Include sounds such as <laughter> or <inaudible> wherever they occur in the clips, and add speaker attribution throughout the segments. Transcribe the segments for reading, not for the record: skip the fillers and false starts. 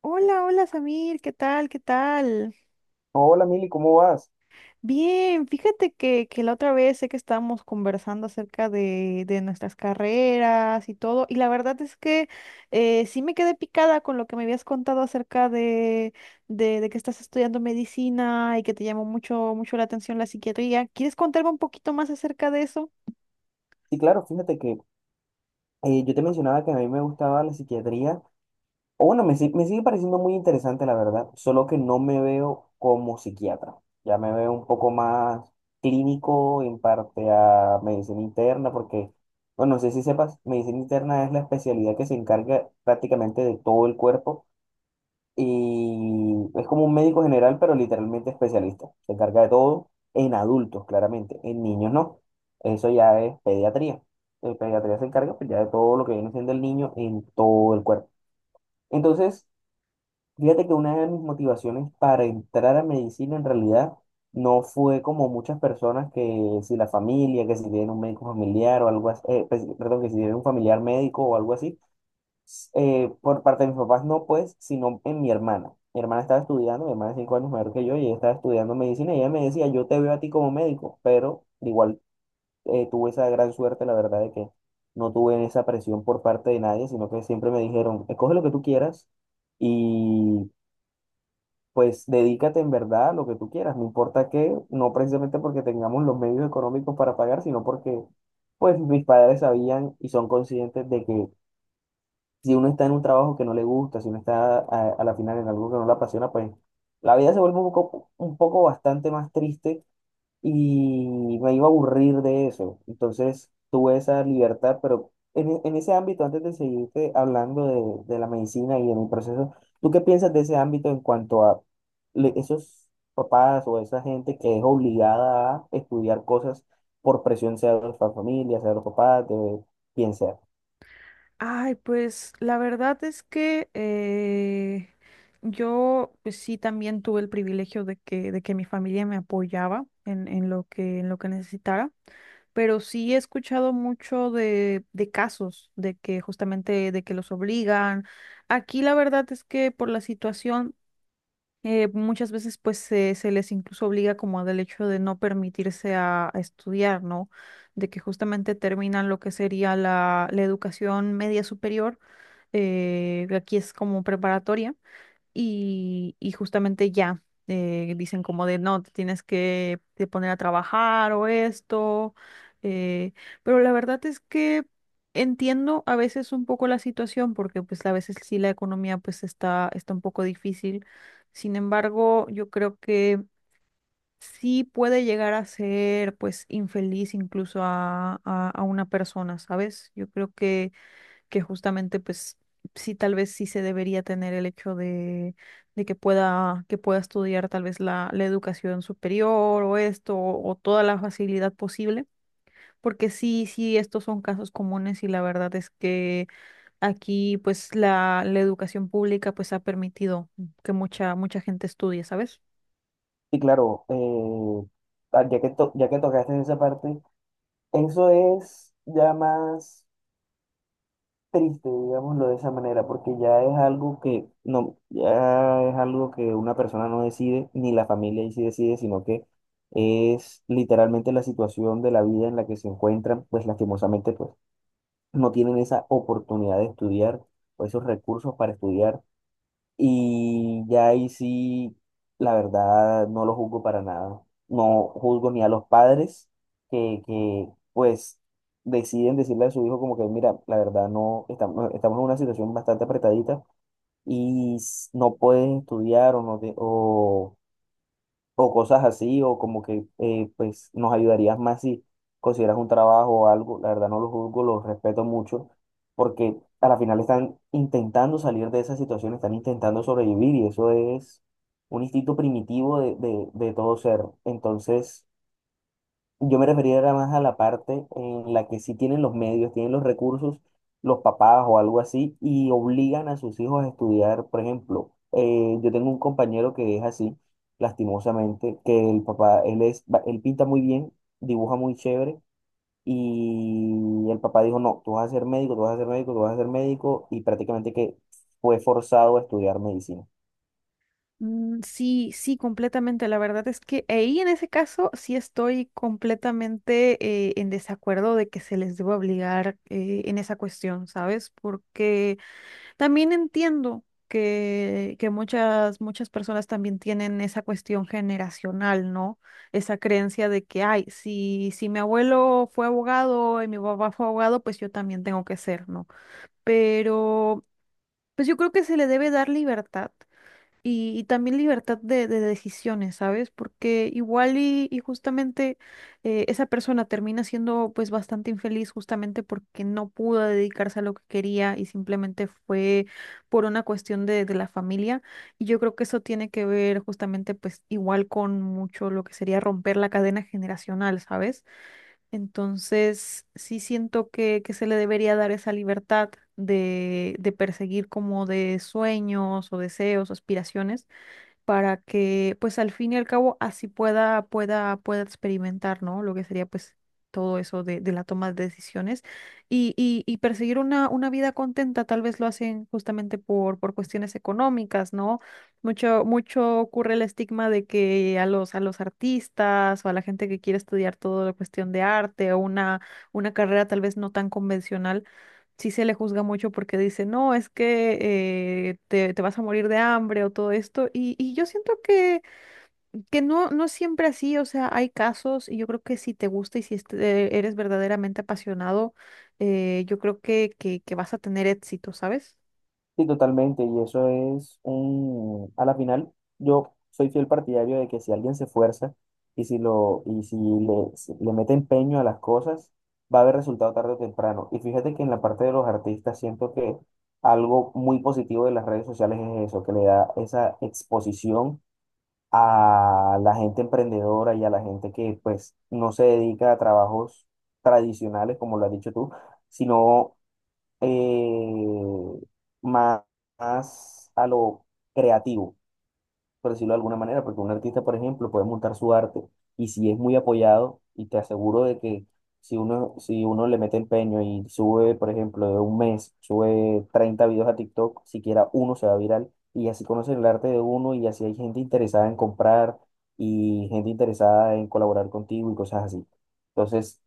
Speaker 1: Hola, hola Samir, ¿qué tal? ¿Qué tal?
Speaker 2: Hola Mili, ¿cómo vas?
Speaker 1: Bien, fíjate que la otra vez sé que estábamos conversando acerca de nuestras carreras y todo, y la verdad es que sí me quedé picada con lo que me habías contado acerca de que estás estudiando medicina y que te llamó mucho, mucho la atención la psiquiatría. ¿Quieres contarme un poquito más acerca de eso?
Speaker 2: Sí, claro, fíjate que yo te mencionaba que a mí me gustaba la psiquiatría, o bueno, me, si- me sigue pareciendo muy interesante la verdad, solo que no me veo como psiquiatra, ya me veo un poco más clínico en parte a medicina interna, porque, bueno, no sé si sepas, medicina interna es la especialidad que se encarga prácticamente de todo el cuerpo y es como un médico general, pero literalmente especialista. Se encarga de todo en adultos, claramente. En niños no. Eso ya es pediatría. El pediatría se encarga pues, ya de todo lo que viene siendo el niño en todo el cuerpo. Entonces, fíjate que una de mis motivaciones para entrar a medicina en realidad no fue como muchas personas que si la familia, que si tienen un médico familiar o algo así, pues, perdón, que si tienen un familiar médico o algo así por parte de mis papás no, pues, sino en mi hermana. Mi hermana estaba estudiando, mi hermana es 5 años mayor que yo, y ella estaba estudiando medicina, y ella me decía, yo te veo a ti como médico, pero igual tuve esa gran suerte, la verdad, de que no tuve esa presión por parte de nadie, sino que siempre me dijeron, escoge lo que tú quieras y pues dedícate en verdad a lo que tú quieras, no importa qué, no precisamente porque tengamos los medios económicos para pagar, sino porque pues mis padres sabían y son conscientes de que si uno está en un trabajo que no le gusta, si uno está a la final en algo que no le apasiona, pues la vida se vuelve un poco bastante más triste y me iba a aburrir de eso. Entonces tuve esa libertad, pero en ese ámbito, antes de seguirte hablando de la medicina y de mi proceso, ¿tú qué piensas de ese ámbito en cuanto a esos papás o esa gente que es obligada a estudiar cosas por presión, sea de la familia, sea de los papás, de quien sea?
Speaker 1: Ay, pues la verdad es que yo pues sí también tuve el privilegio de que mi familia me apoyaba en lo que necesitara, pero sí he escuchado mucho de casos de que justamente de que los obligan. Aquí la verdad es que por la situación muchas veces pues se les incluso obliga como del hecho de no permitirse a estudiar, ¿no? De que justamente terminan lo que sería la educación media superior, aquí es como preparatoria, y justamente ya dicen como de no, te tienes que te poner a trabajar o esto. eh, pero la verdad es que entiendo a veces un poco la situación porque pues a veces sí la economía pues está un poco difícil. Sin embargo, yo creo que sí puede llegar a ser pues infeliz incluso a, a una persona, ¿sabes? Yo creo que justamente pues sí, tal vez sí se debería tener el hecho de que pueda estudiar tal vez la educación superior o esto o toda la facilidad posible. Porque sí, sí, estos son casos comunes y la verdad es que aquí pues la educación pública pues ha permitido que mucha, mucha gente estudie, ¿sabes?
Speaker 2: Y claro, ah, ya que tocaste esa parte, eso es ya más triste, digámoslo de esa manera, porque ya es algo que no, ya es algo que una persona no decide, ni la familia ahí sí decide, sino que es literalmente la situación de la vida en la que se encuentran, pues lastimosamente, pues no tienen esa oportunidad de estudiar o esos recursos para estudiar y ya ahí sí, la verdad, no lo juzgo para nada. No juzgo ni a los padres que pues, deciden decirle a su hijo como que, mira, la verdad, no, estamos en una situación bastante apretadita y no puedes estudiar o no te, o cosas así, o como que pues nos ayudarías más si consideras un trabajo o algo. La verdad no los juzgo, los respeto mucho, porque a la final están intentando salir de esa situación, están intentando sobrevivir y eso es un instinto primitivo de todo ser. Entonces. Yo me refería era más a la parte en la que sí tienen los medios, tienen los recursos, los papás o algo así, y obligan a sus hijos a estudiar. Por ejemplo, yo tengo un compañero que es así, lastimosamente, que el papá, él pinta muy bien, dibuja muy chévere, y el papá dijo, no, tú vas a ser médico, tú vas a ser médico, tú vas a ser médico, y prácticamente que fue forzado a estudiar medicina.
Speaker 1: Mm. Sí, sí, completamente. La verdad es que ahí en ese caso sí estoy completamente en desacuerdo de que se les deba obligar en esa cuestión, ¿sabes? Porque también entiendo que muchas, muchas personas también tienen esa cuestión generacional, ¿no? Esa creencia de que, ay, si, si mi abuelo fue abogado y mi papá fue abogado, pues yo también tengo que ser, ¿no? Pero pues yo creo que se le debe dar libertad y también libertad de decisiones, ¿sabes? Porque igual y justamente esa persona termina siendo pues bastante infeliz justamente porque no pudo dedicarse a lo que quería y simplemente fue por una cuestión de la familia. Y yo creo que eso tiene que ver justamente pues igual con mucho lo que sería romper la cadena generacional, ¿sabes? Entonces sí siento que se le debería dar esa libertad de perseguir como de sueños o deseos, aspiraciones, para que pues al fin y al cabo así pueda, pueda, pueda experimentar, ¿no? Lo que sería pues todo eso de la toma de decisiones y perseguir una vida contenta. Tal vez lo hacen justamente por cuestiones económicas, ¿no? Mucho, mucho ocurre el estigma de que a los artistas o a la gente que quiere estudiar toda la cuestión de arte o una carrera tal vez no tan convencional, sí se le juzga mucho porque dice, no, es que te vas a morir de hambre o todo esto. Y yo siento que no, no es siempre así, o sea, hay casos y yo creo que si te gusta y si eres verdaderamente apasionado, yo creo que vas a tener éxito, ¿sabes?
Speaker 2: Sí, totalmente, y eso es un, a la final, yo soy fiel partidario de que si alguien se esfuerza y si lo, y si le, si le mete empeño a las cosas, va a haber resultado tarde o temprano. Y fíjate que en la parte de los artistas siento que algo muy positivo de las redes sociales es eso, que le da esa exposición a la gente emprendedora y a la gente que pues no se dedica a trabajos tradicionales, como lo has dicho tú, sino eh, más, más a lo creativo, por decirlo de alguna manera, porque un artista, por ejemplo, puede montar su arte y si es muy apoyado, y te aseguro de que si uno le mete empeño y sube, por ejemplo, de un mes, sube 30 videos a TikTok, siquiera uno se va viral y así conocen el arte de uno y así hay gente interesada en comprar y gente interesada en colaborar contigo y cosas así. Entonces,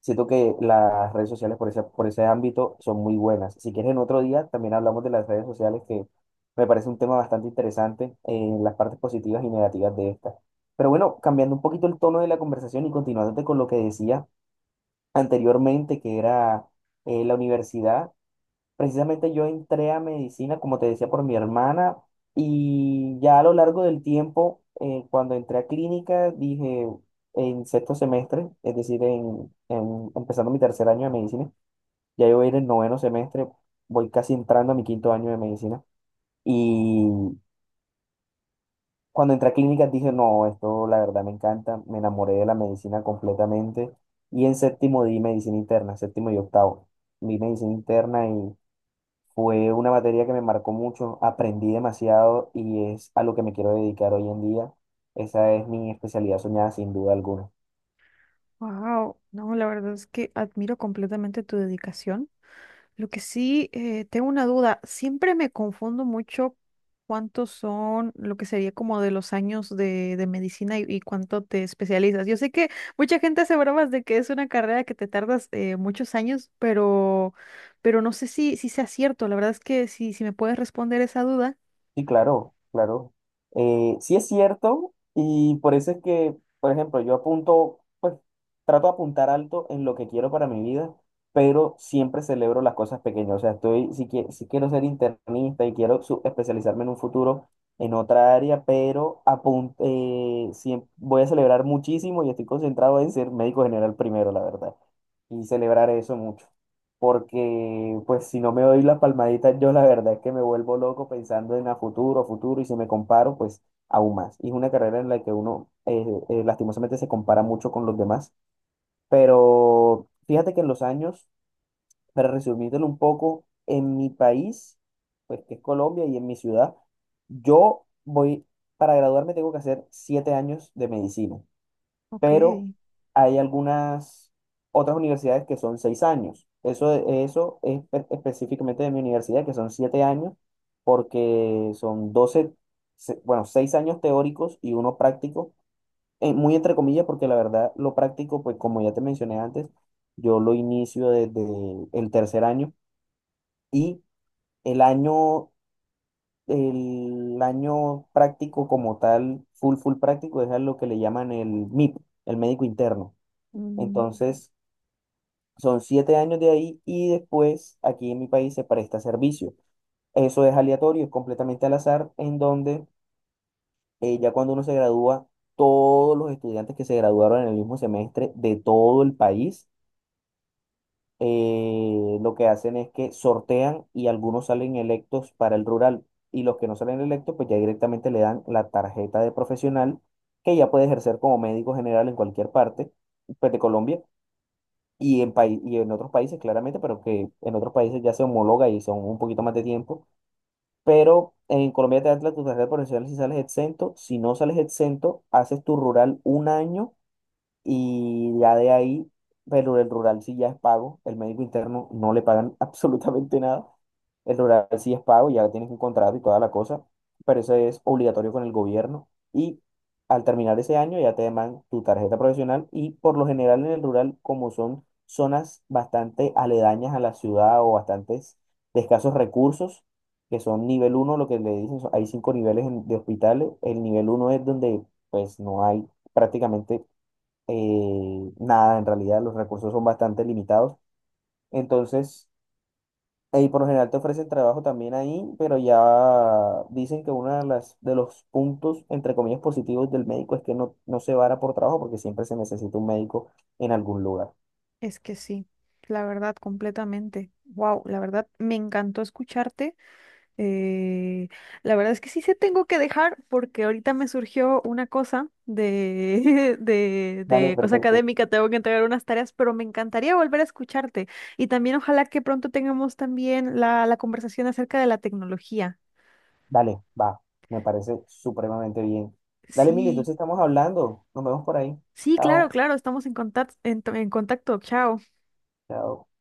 Speaker 2: siento que las redes sociales por ese ámbito son muy buenas. Si quieres, en otro día también hablamos de las redes sociales, que me parece un tema bastante interesante en las partes positivas y negativas de estas. Pero bueno, cambiando un poquito el tono de la conversación y continuándote con lo que decía anteriormente, que era la universidad. Precisamente yo entré a medicina, como te decía, por mi hermana y ya a lo largo del tiempo, cuando entré a clínica, dije en sexto semestre, es decir, empezando mi tercer año de medicina, ya yo voy a ir en noveno semestre, voy casi entrando a mi quinto año de medicina. Y cuando entré a clínica dije, no, esto la verdad me encanta, me enamoré de la medicina completamente. Y en séptimo di medicina interna, séptimo y octavo. Vi medicina interna fue una materia que me marcó mucho, aprendí demasiado y es a lo que me quiero dedicar hoy en día. Esa es mi especialidad soñada sin duda alguna.
Speaker 1: Wow, no, la verdad es que admiro completamente tu dedicación. Lo que sí, tengo una duda. Siempre me confundo mucho cuántos son lo que sería como de los años de medicina y cuánto te especializas. Yo sé que mucha gente hace bromas de que es una carrera que te tardas muchos años, pero no sé si, si sea cierto. La verdad es que si, si me puedes responder esa duda.
Speaker 2: Sí, claro, claro. Sí es cierto y por eso es que, por ejemplo, yo apunto, pues trato de apuntar alto en lo que quiero para mi vida, pero siempre celebro las cosas pequeñas. O sea, estoy, si, quie- si quiero ser internista y quiero especializarme en un futuro en otra área, pero voy a celebrar muchísimo y estoy concentrado en ser médico general primero, la verdad, y celebrar eso mucho porque pues si no me doy la palmadita, yo la verdad es que me vuelvo loco pensando en a futuro, futuro, y si me comparo, pues aún más. Y es una carrera en la que uno lastimosamente se compara mucho con los demás, pero fíjate que en los años, para resumírtelo un poco, en mi país, pues que es Colombia y en mi ciudad, yo voy, para graduarme tengo que hacer 7 años de medicina
Speaker 1: Ok.
Speaker 2: pero hay algunas otras universidades que son 6 años. Eso es específicamente de mi universidad, que son 7 años, porque son 6 años teóricos y uno práctico, muy entre comillas, porque la verdad lo práctico, pues como ya te mencioné antes, yo lo inicio desde el tercer año y el año. El año práctico como tal, full práctico, es a lo que le llaman el MIP, el médico interno.
Speaker 1: Mm.
Speaker 2: Entonces, son 7 años de ahí y después aquí en mi país se presta servicio. Eso es aleatorio, es completamente al azar, en donde ya cuando uno se gradúa, todos los estudiantes que se graduaron en el mismo semestre de todo el país, lo que hacen es que sortean y algunos salen electos para el rural y los que no salen electos, pues ya directamente le dan la tarjeta de profesional que ya puede ejercer como médico general en cualquier parte, pues, de Colombia y y en otros países, claramente, pero que en otros países ya se homologa y son un poquito más de tiempo. Pero en Colombia te dan la tu tarjeta profesional si sales exento. Si no sales exento, haces tu rural un año y ya de ahí, pero el rural sí ya es pago, el médico interno no le pagan <laughs> absolutamente nada. El rural sí es pago, ya tienes un contrato y toda la cosa, pero eso es obligatorio con el gobierno. Y al terminar ese año ya te deman tu tarjeta profesional y por lo general en el rural, como son zonas bastante aledañas a la ciudad o bastantes de escasos recursos, que son nivel uno lo que le dicen, hay cinco niveles de hospitales. El nivel uno es donde pues no hay prácticamente nada, en realidad los recursos son bastante limitados. Entonces, ahí por lo general te ofrecen trabajo también ahí, pero ya dicen que uno de los puntos, entre comillas, positivos del médico es que no, no se vara por trabajo porque siempre se necesita un médico en algún lugar.
Speaker 1: Es que sí, la verdad, completamente. Wow, la verdad, me encantó escucharte. Eh, la verdad es que sí se tengo que dejar porque ahorita me surgió una cosa de, <laughs>
Speaker 2: Dale,
Speaker 1: de cosa
Speaker 2: perfecto.
Speaker 1: académica, tengo que entregar unas tareas, pero me encantaría volver a escucharte y también ojalá que pronto tengamos también la conversación acerca de la tecnología.
Speaker 2: Dale, va. Me parece supremamente bien. Dale, Mili,
Speaker 1: Sí,
Speaker 2: entonces estamos hablando. Nos vemos por ahí.
Speaker 1: sí, claro,
Speaker 2: Chao.
Speaker 1: claro, estamos en contacto, en contacto, chao.
Speaker 2: Chao.